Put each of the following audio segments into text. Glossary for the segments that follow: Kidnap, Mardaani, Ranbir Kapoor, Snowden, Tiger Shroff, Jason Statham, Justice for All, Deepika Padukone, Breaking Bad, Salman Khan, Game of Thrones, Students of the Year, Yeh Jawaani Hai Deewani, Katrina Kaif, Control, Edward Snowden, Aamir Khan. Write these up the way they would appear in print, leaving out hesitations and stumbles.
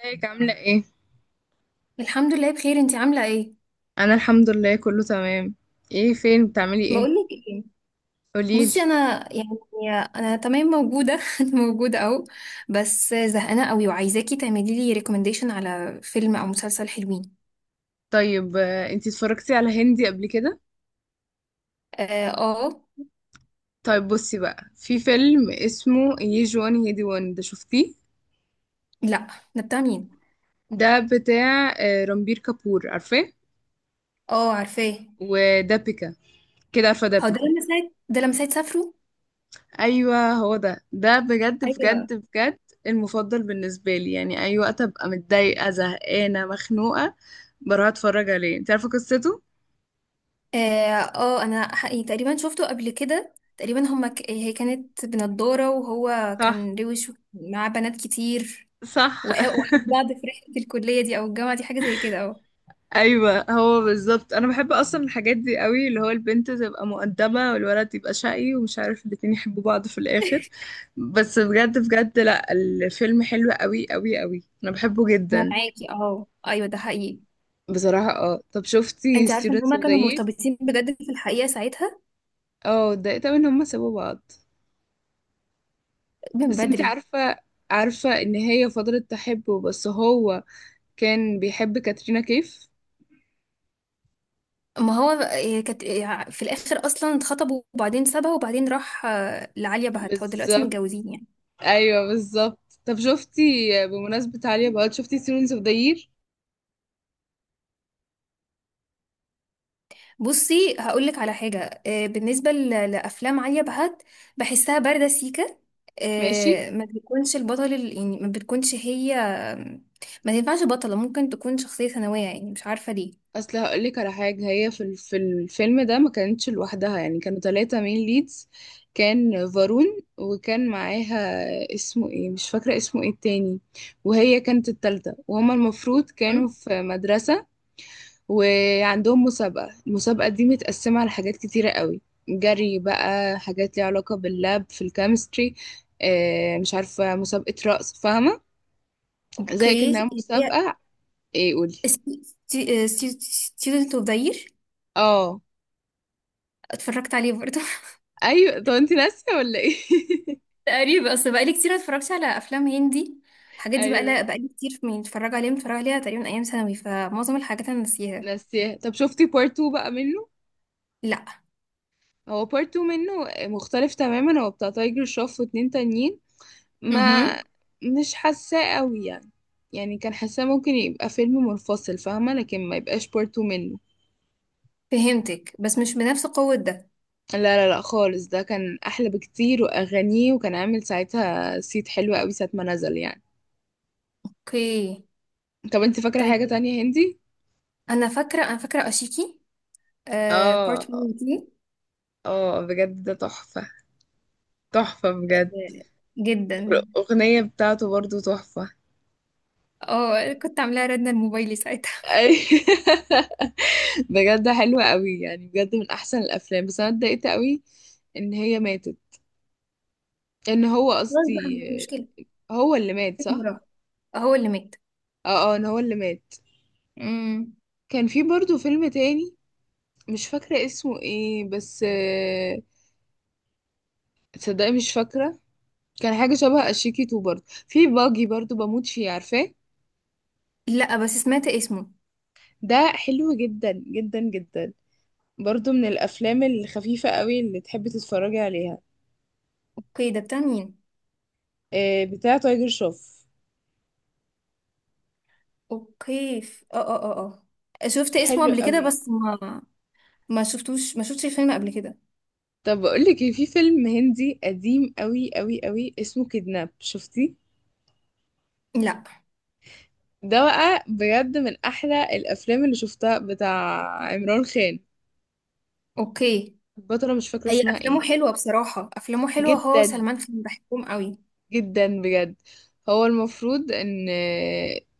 ازيك عاملة ايه؟ الحمد لله بخير، انتي عاملة ايه؟ أنا الحمد لله كله تمام. ايه فين بتعملي ايه؟ بقولك ايه. قوليلي. بصي انا يعني انا تمام موجودة. انا موجودة اهو. بس زهقانة قوي وعايزاكي تعملي لي ريكومنديشن على فيلم او مسلسل حلوين. طيب، انتي اتفرجتي على هندي قبل كده؟ اه، آه. طيب بصي بقى، في فيلم اسمه يي جوان هي دي وان، ده شفتيه؟ لا، ده بتاع مين؟ ده بتاع رامبير كابور، عارفاه؟ اه عارفاه. ودابيكا، كده عارفة هو ده دابيكا. لما ساعة سافروا؟ أيوة هو ده بجد ايوه. بجد بجد المفضل بالنسبة لي. يعني أي وقت أبقى متضايقة زهقانة مخنوقة بروح أتفرج عليه. انتي عارفة قصته؟ اه، آه. انا حقيقي تقريبا شفته قبل كده، تقريبا هي كانت بنضارة وهو صح. كان روش معاه بنات كتير، صح. وحب بعض في رحلة الكلية دي او الجامعة دي، حاجة زي كده. اه، ايوه هو بالظبط. انا بحب اصلا الحاجات دي قوي، اللي هو البنت تبقى مؤدبه والولد يبقى شقي ومش عارف، الاتنين يحبوا بعض في الاخر. بس بجد بجد، لا الفيلم حلو قوي قوي قوي، انا بحبه انا جدا. معاكي. اه ايوه، ده حقيقي. بصراحه اه، طب شفتي انت عارفه ان students هما of the كانوا year؟ مرتبطين بجد في الحقيقه ساعتها؟ اه اتضايقت أوي ان هما سابوا بعض. من بس انتي بدري. عارفه، عارفه ان هي فضلت تحبه، بس هو كان بيحب كاترينا كيف. ما هو كانت في الاخر اصلا اتخطبوا وبعدين سابها وبعدين راح لعليا بهت. هو دلوقتي بالظبط. متجوزين يعني. ايوه بالظبط. طب شفتي، بمناسبه عالية بقى، شفتي students of the year؟ بصي هقول لك على حاجه. بالنسبه لافلام عليا بهت، بحسها بارده سيكه. ماشي. ما بتكونش البطل، يعني ما بتكونش هي. ما تنفعش بطله، ممكن تكون شخصيه ثانويه، يعني مش عارفه ليه. اصل هقولك على حاجه، هي في الفيلم ده ما كانتش لوحدها. يعني كانوا ثلاثة مين ليدز. كان فارون، وكان معاها، اسمه ايه مش فاكره اسمه ايه التاني. وهي كانت الثالثه، وهما المفروض كانوا مم. في مدرسه وعندهم مسابقه. المسابقه دي متقسمه على حاجات كتيره قوي. جري بقى، حاجات ليها علاقه باللاب في الكيمستري، مش عارفه، مسابقه رقص، فاهمه؟ زي اوكي. كانها مسابقه. ايه قولي. ستودنت اوف ذا يير. اه اتفرجت عليه برضه. ايوه. طب انت ناسيه ولا ايه؟ تقريبا. اصل بقالي كتير ما اتفرجتش على افلام هندي. الحاجات دي بقى لا، ايوه بقالي كتير من اتفرج عليها متفرج عليها، تقريبا ايام ثانوي، فمعظم الحاجات انا ناسيها. ناسياه. طب شفتي بارت 2 بقى منه؟ لا. هو بارت 2 منه مختلف تماما، هو بتاع تايجر شروف واتنين تانيين. ما امم. مش حاساه قوي يعني. يعني كان حاساه ممكن يبقى فيلم منفصل، فاهمه؟ لكن ما يبقاش بارت 2 منه. فهمتك بس مش بنفس قوة ده. لا لا لا خالص، ده كان احلى بكتير واغانيه، وكان عامل ساعتها صيت حلو قوي ساعه ما نزل يعني. اوكي. طب انت فاكره طيب. حاجه تانية هندي؟ انا فاكرة اشيكي. بارت اه 1 دي. اه بجد ده تحفه، تحفه آه، بجد. جدا. الأغنية بتاعته برضو تحفة. اه، كنت عاملاها ردنا الموبايلي ساعتها. أي- بجد حلوة قوي يعني، بجد من احسن الافلام، بس انا اتضايقت قوي ان هي ماتت، ان هو خلاص بقى، قصدي، مش مشكلة. هو اللي مات صح؟ هو اللي مات. اه اه ان هو اللي مات. امم. كان في برضو فيلم تاني، مش فاكرة اسمه ايه بس، تصدقي مش فاكرة. كان حاجة شبه اشيكي تو برضو، في باجي برضو بموت فيه، عارفاه؟ لا، بس سمعت اسمه. ده حلو جدا جدا جدا. برضو من الافلام الخفيفة قوي اللي تحبي تتفرجي عليها. اوكي، ده بتاع مين؟ بتاع تايجر شوف. اوكي. اه اه اه. اه، شفت اسمه حلو قبل كده، قوي. بس ما شفتوش، ما شفتش الفيلم قبل كده. طب بقول لك إيه: في فيلم هندي قديم قوي قوي قوي اسمه كيدناب، شفتي؟ لا. ده بقى بجد من احلى الافلام اللي شفتها، بتاع عمران خان. اوكي. البطلة مش فاكرة هي اسمها افلامه ايه. حلوه بصراحه، افلامه حلوه، هو جدا. سلمان خان بحبهم قوي. جدا بجد. هو المفروض ان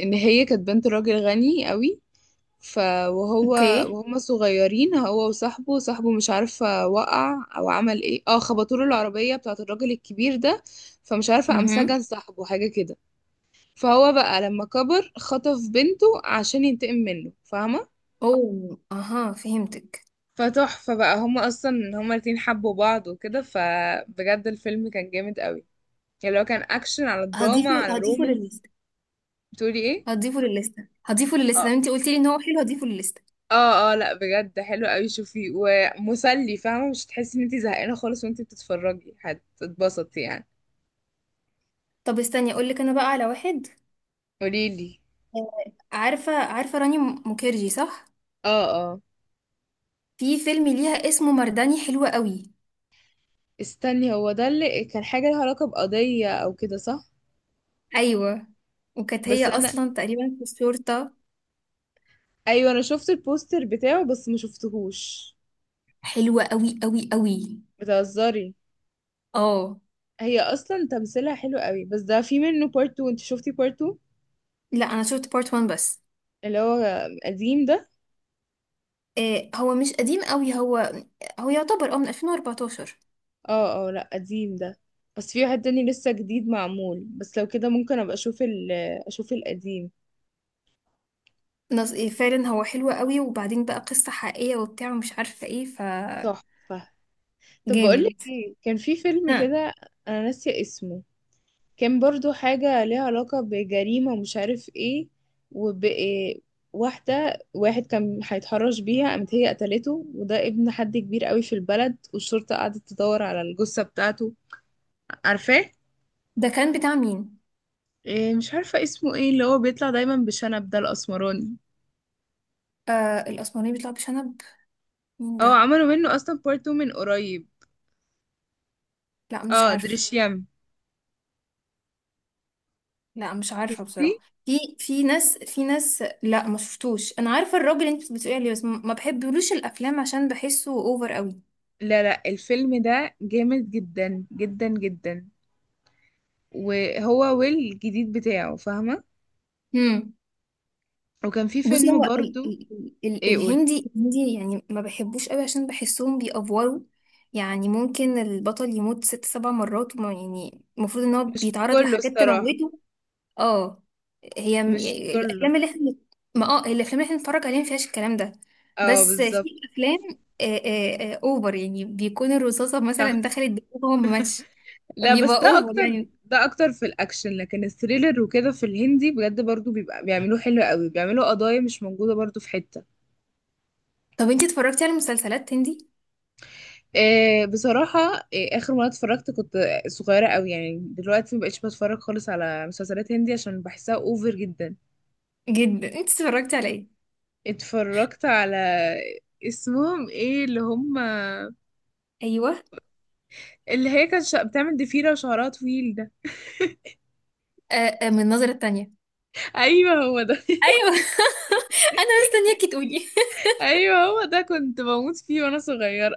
ان هي كانت بنت راجل غني قوي. ف وهو اوكي. وهما صغيرين، هو وصاحبه، صاحبه مش عارفة وقع او عمل ايه، اه خبطوا له العربية بتاعة الراجل الكبير ده. فمش عارفة قام امم. سجن صاحبه حاجة كده. فهو بقى لما كبر خطف بنته عشان ينتقم منه، فاهمة؟ اوه اها، فهمتك. فتحفة بقى، هما اصلا الاتنين حبوا بعض وكده، فبجد الفيلم كان جامد قوي، يعني لو كان اكشن على دراما هضيفه على هضيفه رومانس. للليسته بتقولي ايه؟ هضيفه للليسته هضيفه للليسته لما انت قلتي لي ان هو حلو، هضيفه للليسته. اه اه، لا بجد حلو قوي، شوفي ومسلي، فاهمة؟ مش هتحسي ان انتي زهقانة خالص، وانتي بتتفرجي هتتبسطي يعني. طب، استني اقول لك انا بقى على واحد. قوليلي. عارفه راني مukherjee صح؟ اه اه. في فيلم ليها اسمه مرداني، حلو قوي. استني، هو ده اللي كان حاجة لها علاقة بقضية او كده صح؟ ايوه، وكانت هي بس انا، اصلا تقريبا في الشرطه. ايوه انا شفت البوستر بتاعه بس ما شفتهوش. حلوه قوي قوي قوي. بتهزري؟ اه. هي اصلا تمثيلها حلو قوي، بس ده في منه بارت 2، انت شفتي بارت 2 لا، انا شفت بارت 1 بس. اللي هو قديم ده؟ إيه، هو مش قديم قوي. هو يعتبر من 2014. اه اه لا قديم ده، بس في واحد تاني لسه جديد معمول، بس لو كده ممكن ابقى اشوف اشوف القديم. نص إيه، فعلا هو حلو قوي، وبعدين بقى قصه حقيقيه وبتاع، ومش عارفه ايه. تحفة. طب جامد. بقولك ايه، كان في فيلم ها. كده، انا ناسية اسمه، كان برضو حاجة ليها علاقة بجريمة ومش عارف ايه، وب إيه، واحدة واحد كان هيتحرش بيها قامت هي قتلته، وده ابن حد كبير قوي في البلد، والشرطة قعدت تدور على الجثة بتاعته، عارفاه؟ ده كان بتاع مين؟ إيه مش عارفة اسمه ايه، اللي هو بيطلع دايما بشنب ده الأسمراني. الاسمراني بيطلع بشنب؟ مين اه ده؟ عملوا منه اصلا بارت 2 من قريب. لا، مش اه عارفه. دريشيام. لا، مش عارفة شفتيه؟ بصراحة. في ناس لا، ما شفتوش. انا عارفة الراجل اللي انت بتقولي عليه، بس ما بحبلوش الافلام عشان بحسه اوفر قوي. لا لا الفيلم ده جامد جدا جدا جدا، وهو ويل الجديد بتاعه فاهمة؟ امم. وكان في بصي، فيلم هو ال برضو. ال ال ايه قول. الهندي الهندي يعني ما بحبوش قوي عشان بحسهم بيأفوروا. يعني ممكن البطل يموت ست سبع مرات، وما يعني المفروض ان هو مش بيتعرض كله لحاجات الصراحة. تموته. اه. مش يعني كله. الافلام اللي احنا ما اه الافلام اللي احنا بنتفرج عليها ما فيهاش الكلام ده. اه بس في بالظبط. افلام اوفر، يعني بيكون الرصاصه صح. مثلا دخلت دماغه وهو ما ماتش. لا بس بيبقى ده اوفر اكتر، يعني. ده اكتر في الاكشن، لكن الثريلر وكده في الهندي بجد برضو بيبقى بيعملوه حلو قوي، بيعملوا قضايا مش موجودة برضو في حتة. طب انتي اتفرجتي على مسلسلات هندي؟ إيه بصراحة، إيه آخر مرة اتفرجت كنت صغيرة قوي، يعني دلوقتي مبقتش بتفرج خالص على مسلسلات هندي عشان بحسها اوفر جدا. جدا. انتي اتفرجتي على ايه؟ اتفرجت على، اسمهم ايه اللي هم، ايوه. اللي هي كانت بتعمل ضفيرة وشعرها طويل ده. من النظره التانية. ايوه هو ده. ايوه. انا مستنياكي تقولي. ايوه هو ده، كنت بموت فيه وانا صغيرة.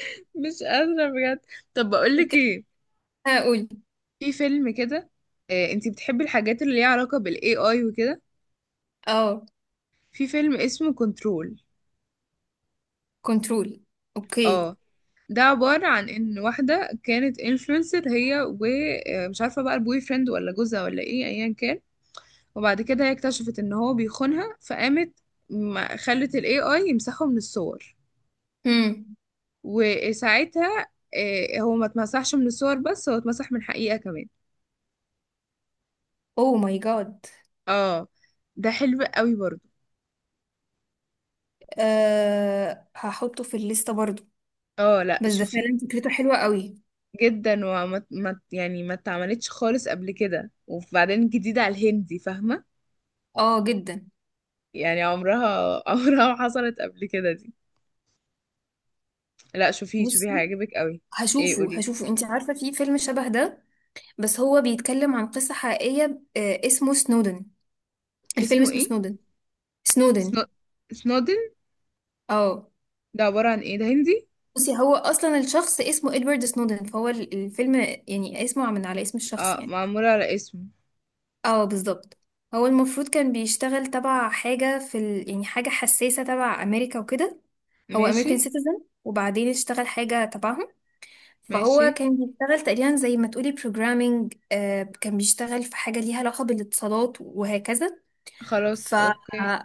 مش قادرة بجد. طب بقولك كنت ايه، هقول. في فيلم كده، انتي بتحبي الحاجات اللي ليها علاقة بالاي اي وكده؟ اه، في فيلم اسمه كنترول. كنترول. اوكي. اه. ده عبارة عن ان واحدة كانت انفلونسر هي، ومش عارفة بقى البوي فريند ولا جوزها ولا ايه ايا كان. وبعد كده هي اكتشفت ان هو بيخونها، فقامت خلت الاي اي يمسحه من الصور. امم. وساعتها هو ما اتمسحش من الصور، بس هو اتمسح من حقيقة كمان. اوه ماي جاد. اه. ده حلو قوي برضو. هحطه في الليسته برضو. اه لا بس ده شوفي. فعلا فكرته حلوة قوي. جدا، وما ما يعني ما اتعملتش خالص قبل كده، وبعدين جديدة على الهندي فاهمة؟ اه جدا. يعني عمرها عمرها ما حصلت قبل كده دي. لا شوفيه شوفيه بصي، هيعجبك قوي. ايه هشوفه قولي. هشوفه انت عارفة، في فيلم شبه ده، بس هو بيتكلم عن قصة حقيقية. اسمه سنودن. الفيلم اسمه اسمه ايه؟ سنودن. سنو... سنودن. سنودن. اه. ده عبارة عن ايه؟ ده هندي؟ بصي، هو اصلا الشخص اسمه ادوارد سنودن، فهو الفيلم يعني اسمه من على اسم الشخص اه يعني. معمولة على اسمه. اه، بالظبط. هو المفروض كان بيشتغل تبع حاجة في يعني حاجة حساسة تبع امريكا وكده. هو ماشي. امريكان سيتيزن وبعدين اشتغل حاجة تبعهم. ماشي. فهو كان بيشتغل تقريبا زي ما تقولي بروجرامينج. كان بيشتغل في حاجة ليها علاقة بالاتصالات وهكذا. خلاص ف اوكي.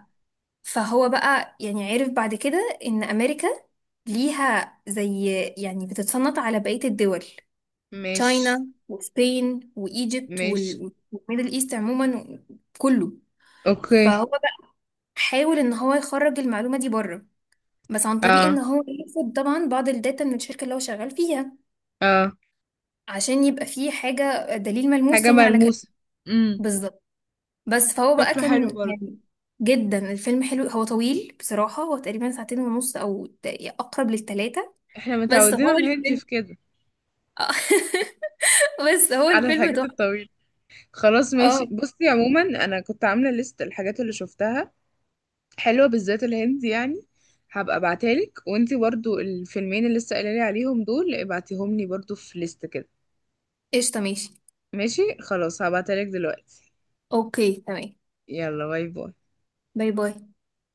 فهو بقى يعني عرف بعد كده ان امريكا ليها زي، يعني بتتصنط على بقية الدول. ماشي. تشاينا وسبين وايجيبت ماشي. والميدل ايست عموما، كله. فهو اوكي. بقى حاول ان هو يخرج المعلومة دي بره، بس عن طريق ان اه هو ياخد طبعا بعض الداتا من الشركة اللي هو شغال فيها، اه. عشان يبقى فيه حاجة، دليل ملموس حاجة يعني على كلامه. ملموسة. امم. بالظبط. بس فهو بقى شكله حلو كان برضه. يعني. جدا الفيلم حلو، هو طويل بصراحة، هو تقريبا ساعتين ونص أو أقرب للتلاتة. احنا بس متعودين هو على الهندي الفيلم. في كده، بس هو على الفيلم الحاجات تحفة. الطويلة. خلاص اه ماشي، بصي عموما انا كنت عاملة ليست الحاجات اللي شفتها حلوة، بالذات الهندي يعني. هبقى ابعتهالك، وانتي برضو الفيلمين اللي لسه قايلالي عليهم دول ابعتيهم لي برضو في ليست كده. قشطة ماشي. ماشي خلاص، هبعتهالك دلوقتي. اوكي تمام. يلا باي باي. باي باي.